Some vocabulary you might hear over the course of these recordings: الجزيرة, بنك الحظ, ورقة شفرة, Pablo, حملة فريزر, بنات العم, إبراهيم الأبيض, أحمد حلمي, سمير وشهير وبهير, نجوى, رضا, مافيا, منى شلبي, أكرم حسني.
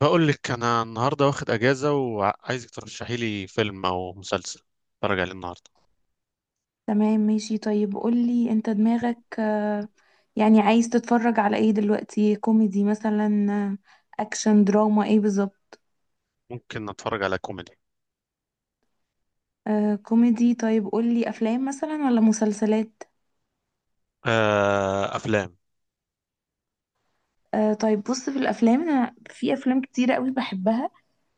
بقول لك انا النهارده واخد اجازه وعايزك ترشحي لي فيلم او مسلسل اتفرج عليه النهارده. تمام ماشي طيب قولي انت دماغك يعني عايز تتفرج على ايه دلوقتي؟ كوميدي مثلا؟ اكشن دراما ايه بالظبط؟ ممكن اتفرج على كوميدي. آه كوميدي. طيب قولي افلام مثلا ولا مسلسلات؟ آه، افلام. آه طيب. بص في الافلام، انا في افلام كتيرة قوي بحبها.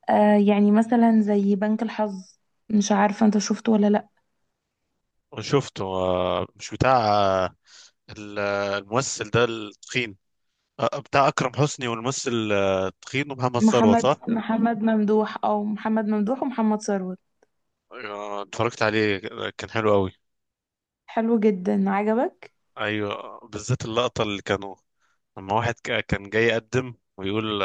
يعني مثلا زي بنك الحظ. مش عارفة انت شفته ولا لا؟ شفته، آه، مش بتاع آه الممثل ده التخين، بتاع اكرم حسني، والممثل، التخين، ومحمد ثروت، محمد صح؟ محمد ممدوح او محمد ممدوح ومحمد ثروت. آه، اتفرجت عليه، كان حلو قوي. حلو جدا، عجبك؟ ايوه، بالذات اللقطه اللي كانوا، لما واحد كان جاي يقدم ويقول،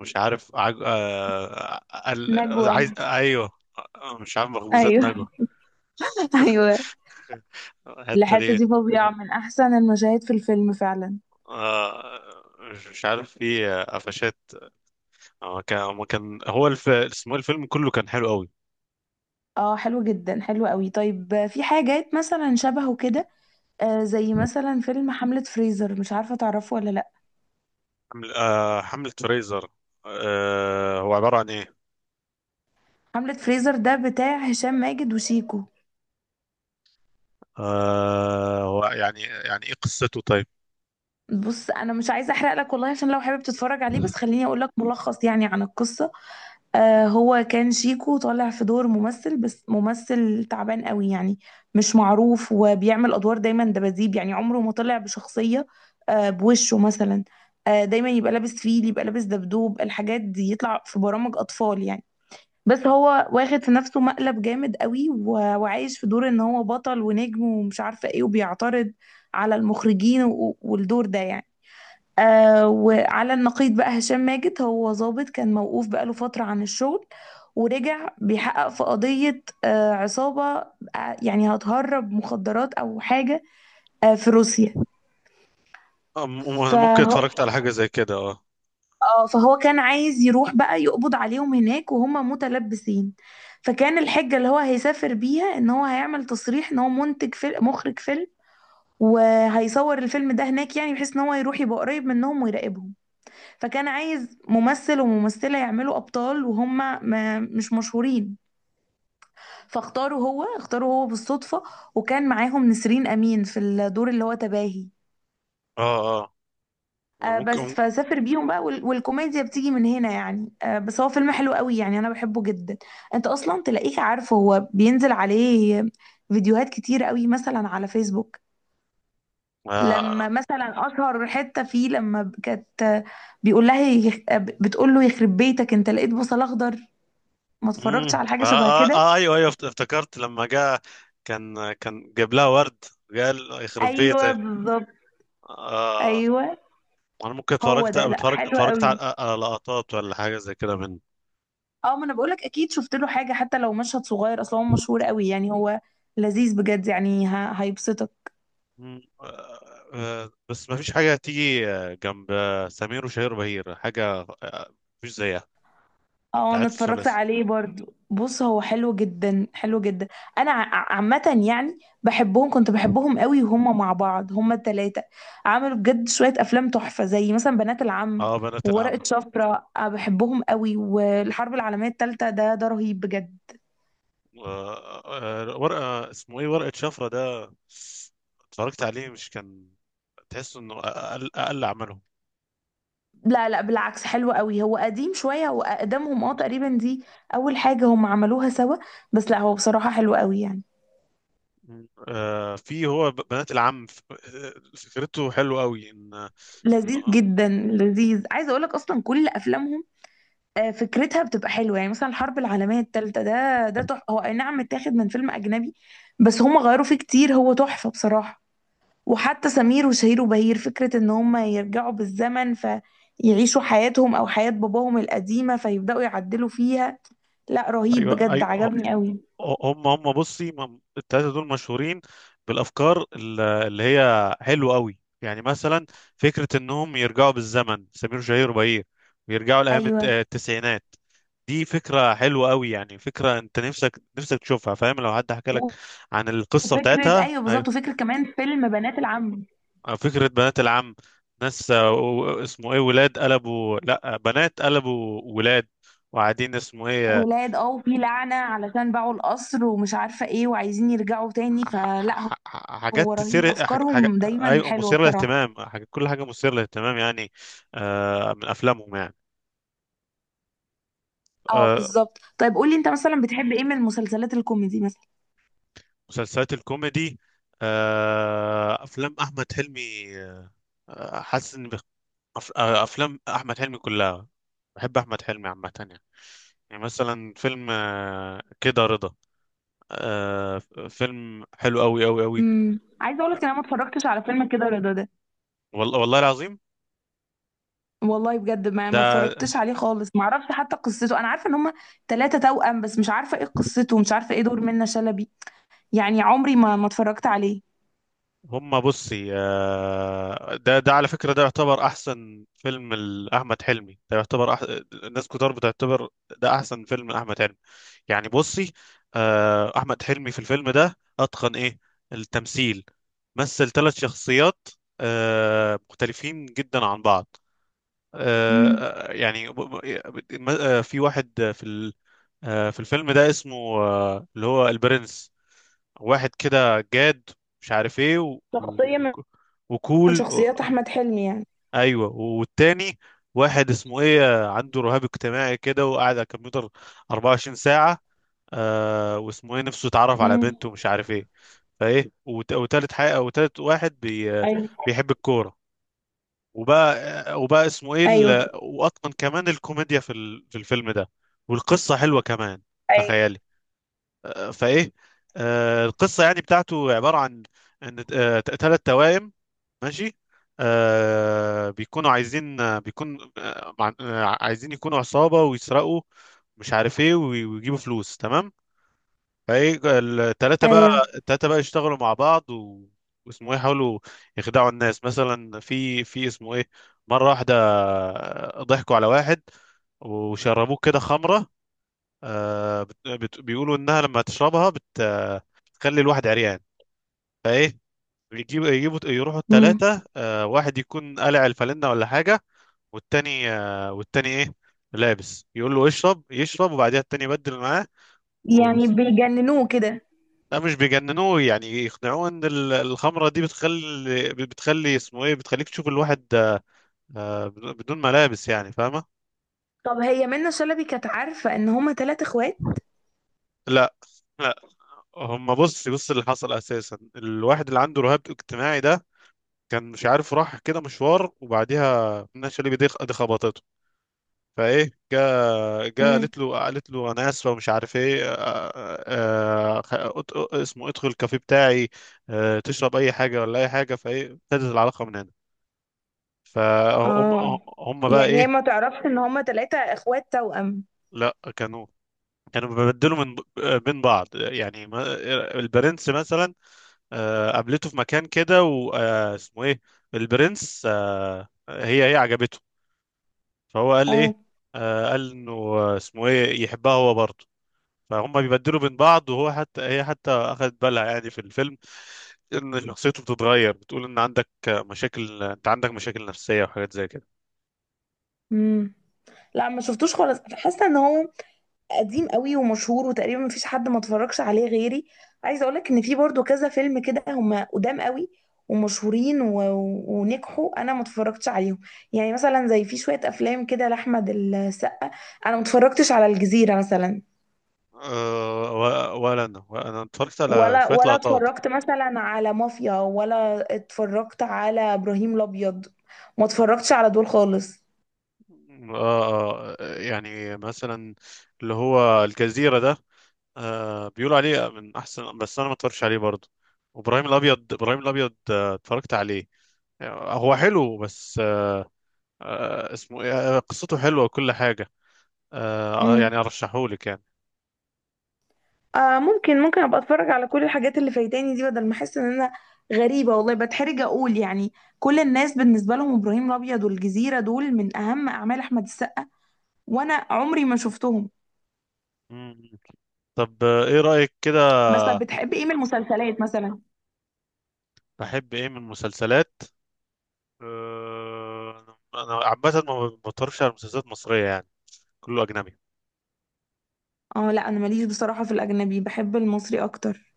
مش عارف نجوى. عايز، ايوه. آه، مش عارف، مخبوزات نجوى. ايوه. ايوه. الحته الحتة دي. دي فظيعة، من أحسن المشاهد في الفيلم فعلا. آه... مش عارف، في قفشات. هو كان اسمه إيه، الفيلم كله كان حلو قوي. اه حلو جدا، حلو قوي. طيب، في حاجات مثلا شبهه كده. زي مثلا فيلم حملة فريزر، مش عارفة تعرفه ولا لأ؟ حملة فريزر. هو عبارة عن ايه؟ حملة فريزر ده بتاع هشام ماجد وشيكو. هو يعني، يعني ايه قصته، طيب؟ بص، أنا مش عايزة أحرق لك والله، عشان لو حابب تتفرج عليه. بس خليني أقول لك ملخص يعني عن القصة. هو كان شيكو طالع في دور ممثل، بس ممثل تعبان قوي يعني. مش معروف، وبيعمل ادوار دايما دباديب، يعني عمره ما طلع بشخصية. بوشه مثلا. دايما يبقى لابس فيل، يبقى لابس دبدوب، الحاجات دي يطلع في برامج اطفال يعني. بس هو واخد في نفسه مقلب جامد قوي، وعايش في دور ان هو بطل ونجم ومش عارفة ايه، وبيعترض على المخرجين والدور ده يعني. وعلى النقيض بقى، هشام ماجد هو ظابط كان موقوف بقاله فترة عن الشغل، ورجع بيحقق في قضية عصابة، يعني هتهرب مخدرات أو حاجة، في روسيا. آه، ممكن فهو اتفرجت على حاجة زي كده، اه. فهو كان عايز يروح بقى يقبض عليهم هناك وهم متلبسين. فكان الحجة اللي هو هيسافر بيها، إن هو هيعمل تصريح إن هو منتج فيلم، مخرج فيلم، وهيصور الفيلم ده هناك، يعني بحيث ان هو يروح يبقى قريب منهم ويراقبهم. فكان عايز ممثل وممثلة يعملوا أبطال، وهم ما مش مشهورين. فاختاره هو بالصدفة. وكان معاهم نسرين أمين في الدور اللي هو تباهي. اه، اه، بس ممكن. فسافر بيهم بقى، والكوميديا بتيجي من هنا يعني. بس هو فيلم حلو قوي، يعني أنا بحبه جدا. أنت أصلا تلاقيك عارفه، هو بينزل عليه فيديوهات كتير قوي مثلا على فيسبوك. لما مثلا أشهر حتة فيه، لما كانت، بيقول لها بتقول له: يخرب بيتك أنت، لقيت بصل أخضر؟ ما اتفرجتش على حاجة شبه كده؟ ايوه، ايوه، افتكرت لما جاء، كان جاب لها ورد، قال يخرب أيوه بيتك. بالظبط. آه. أيوه. انا ممكن هو ده، لا، حلو اتفرجت قوي. على لقطات ولا حاجه زي كده من. اه، ما انا بقولك اكيد شفت له حاجه، حتى لو مشهد صغير. اصلا هو مشهور قوي يعني، هو لذيذ بجد يعني، هيبسطك. مم. بس ما فيش حاجه تيجي جنب سمير وشهير وبهير، حاجه مفيش زيها، اه، انا بتاعت اتفرجت الثلاثي. عليه برضو. بص هو حلو جدا، حلو جدا. انا عامه، يعني بحبهم، كنت بحبهم قوي وهم مع بعض، هم التلاتة عملوا بجد شويه افلام تحفه، زي مثلا بنات العم، اه، بنات وورقه العم. شفره. بحبهم قوي. والحرب العالميه التالتة ده رهيب بجد. آه، ورقه، اسمه ايه، ورقه شفره ده. اتفرجت عليه، مش كان، تحس انه اقل عملهم. لا، لا، بالعكس، حلو قوي. هو قديم شوية، هو أقدمهم تقريبا. دي أول حاجة هم عملوها سوا. بس لا، هو بصراحة حلو قوي يعني. في هو بنات العم، فكرته حلوه قوي ان. لذيذ إن- جدا، لذيذ. عايزة أقولك أصلا كل أفلامهم فكرتها بتبقى حلوة يعني. مثلا الحرب العالمية التالتة ده تحفة، هو أي نعم متاخد من فيلم أجنبي، بس هم غيروا فيه كتير. هو تحفة بصراحة. وحتى سمير وشهير وبهير، فكرة إن هم يرجعوا بالزمن فيعيشوا حياتهم أو حياة باباهم القديمة، فيبدأوا يعدلوا فيها. لا، رهيب ايوه، بجد، ايوه. عجبني قوي. هم بصي، التلاتة دول مشهورين بالافكار، اللي هي حلوه قوي، يعني مثلا فكره انهم يرجعوا بالزمن، سمير وشهير وبهير، ويرجعوا لايام أيوة التسعينات. دي فكره حلوه قوي، يعني فكره انت نفسك تشوفها، فاهم، لو حد حكى لك عن القصه بتاعتها. أيوه بالظبط، وفكرة كمان فيلم بنات العم. آه، فكرة بنات العم. ناس، اسمه ايه، ولاد قلبوا، لا بنات قلبوا ولاد، وقاعدين اسمه ايه. ولاد، وفي لعنة علشان باعوا القصر ومش عارفة ايه وعايزين يرجعوا تاني، فلا. حاجات هو رهيب، تثير أفكارهم دايما ايوه، حلوة مثيرة بصراحة. للاهتمام، كل حاجة مثيرة للاهتمام يعني. آه، من افلامهم يعني. اه آه، بالظبط. طيب قولي انت مثلا، بتحب ايه من المسلسلات الكوميدي مثلا؟ مسلسلات الكوميدي، آه، افلام احمد حلمي. آه، حاسس ان بخ- أف... آه، افلام احمد حلمي كلها، بحب احمد حلمي عامة يعني. يعني مثلا فيلم كده رضا. آه، فيلم حلو قوي قوي قوي. عايزه اقولك ان انا ما اتفرجتش على فيلم كده رضا ده. والله، والله العظيم. والله بجد، ما ده، اتفرجتش عليه خالص، ما اعرفش حتى قصته. انا عارفه ان هما ثلاثه توأم، بس مش عارفه ايه قصته، ومش عارفه ايه دور منة شلبي. يعني عمري ما اتفرجت عليه. هما بصي، آه، ده على فكرة، ده يعتبر أحسن فيلم لأحمد حلمي، الناس كتار بتعتبر ده أحسن فيلم لأحمد حلمي. يعني بصي، آه، أحمد حلمي في الفيلم ده أتقن إيه، التمثيل، مثل ثلاث شخصيات، آه، مختلفين جدا عن بعض. آه امم في واحد في الفيلم ده اسمه، اللي هو البرنس، واحد كده جاد، مش عارف ايه شخصية من وكول شخصيات احمد حلمي يعني. ايوه، والتاني واحد اسمه ايه، عنده رهاب اجتماعي كده، وقاعد على الكمبيوتر 24 ساعة. آه، واسمه ايه، نفسه يتعرف على امم بنته ومش عارف ايه. فايه وتالت حاجة، وتالت واحد بي... آه، ايوه، بيحب الكورة. وبقى، وبقى اسمه ايه ايوه، واتقن كمان الكوميديا في الفيلم ده. والقصة حلوة كمان، ايوه، تخيل. فايه القصه يعني بتاعته عباره عن ان ثلاث توائم، ماشي، آه، بيكونوا عايزين، آه، بيكون آه مع- آه، عايزين يكونوا عصابه ويسرقوا، مش عارف ايه، ويجيبوا فلوس، تمام. فايه الثلاثه بقى، ايوه الثلاثه بقى يشتغلوا مع بعض واسمه ايه، يحاولوا يخدعوا الناس، مثلا في اسمه ايه، مره واحده، آه، ضحكوا على واحد، وشربوه كده خمره. آه، بيقولوا انها لما تشربها بت... آه، بتخلي الواحد عريان. فايه يجيبوا يروحوا امم الثلاثه، آه، واحد يكون قلع الفالنة ولا حاجه، والتاني ايه، لابس، يقول له اشرب، يشرب، وبعدها التاني يبدل معاه و... يعني بيجننوه كده؟ لا، مش بيجننوه، يعني يقنعوه ان الخمره دي بتخلي اسمه ايه، بتخليك تشوف الواحد، آه، بدون ملابس، يعني، فاهمه؟ طب هي منة شلبي كانت عارفة ان هما تلات اخوات؟ لا، لا، هم بص، اللي حصل اساسا الواحد اللي عنده رهاب اجتماعي ده، كان مش عارف، راح كده مشوار، وبعديها منى شلبي دي، خبطته. فايه، جا امم قالت له انا اسفه، ومش عارف ايه، اسمه ادخل الكافيه بتاعي، آه، تشرب اي حاجه ولا اي حاجه. فايه ابتدت العلاقه من هنا. فهم، اه، هم بقى يعني هي ايه. ما تعرفش ان هما تلاتة اخوات توأم؟ لا، كانوا بيبدلوا من بين بعض، يعني البرنس مثلا، آه، قابلته في مكان كده واسمه ايه، البرنس، آه، هي عجبته، فهو قال اه. ايه، آه، قال انه اسمه ايه، يحبها هو برضه. فهم بيبدلوا بين بعض، وهو حتى، هي حتى اخذت بالها يعني في الفيلم، ان شخصيته بتتغير، بتقول ان عندك مشاكل، انت عندك مشاكل نفسية وحاجات زي كده. امم لا، ما شفتوش خالص. حاسة ان هو قديم قوي ومشهور، وتقريبا مفيش حد ما اتفرجش عليه غيري. عايزه اقولك ان في برضو كذا فيلم كده، هم قدام قوي، ومشهورين ونجحوا. انا ما اتفرجتش عليهم. يعني مثلا زي في شويه افلام كده لاحمد السقا. انا ما اتفرجتش على الجزيره مثلا، أه، ولا انا اتفرجت على ولا شوية ولا لقطات. اتفرجت مثلا على مافيا، ولا اتفرجت على ابراهيم الابيض. ما اتفرجتش على دول خالص. أه، يعني مثلا اللي هو الجزيرة ده، أه، بيقولوا عليه من احسن، بس انا ما اتفرجش عليه برضه. وابراهيم الابيض، ابراهيم الابيض آه، اتفرجت عليه، آه، هو حلو. بس آه، اسمه إيه؟ آه، قصته حلوة وكل حاجة. آه، يعني أرشحهولك يعني. ممكن ابقى اتفرج على كل الحاجات اللي فايتاني دي، بدل ما احس ان انا غريبه والله. بتحرج اقول يعني، كل الناس بالنسبه لهم ابراهيم الابيض والجزيره دول من اهم اعمال احمد السقا، وانا عمري ما شفتهم. مم. طب، آه، إيه رأيك كده؟ بس طب بتحب ايه من المسلسلات مثلا؟ بحب إيه من المسلسلات؟ آه، أنا عامة ما بتفرجش على مسلسلات مصرية يعني، كله أجنبي. اه لا، انا ماليش بصراحه في الاجنبي، بحب المصري اكتر.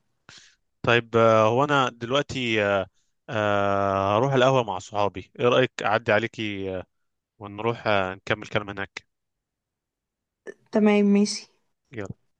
طيب، آه، هو أنا دلوقتي هروح القهوة مع صحابي، إيه رأيك أعدي عليكي، آه، ونروح آه، نكمل كلام هناك. تمام ماشي. يلا.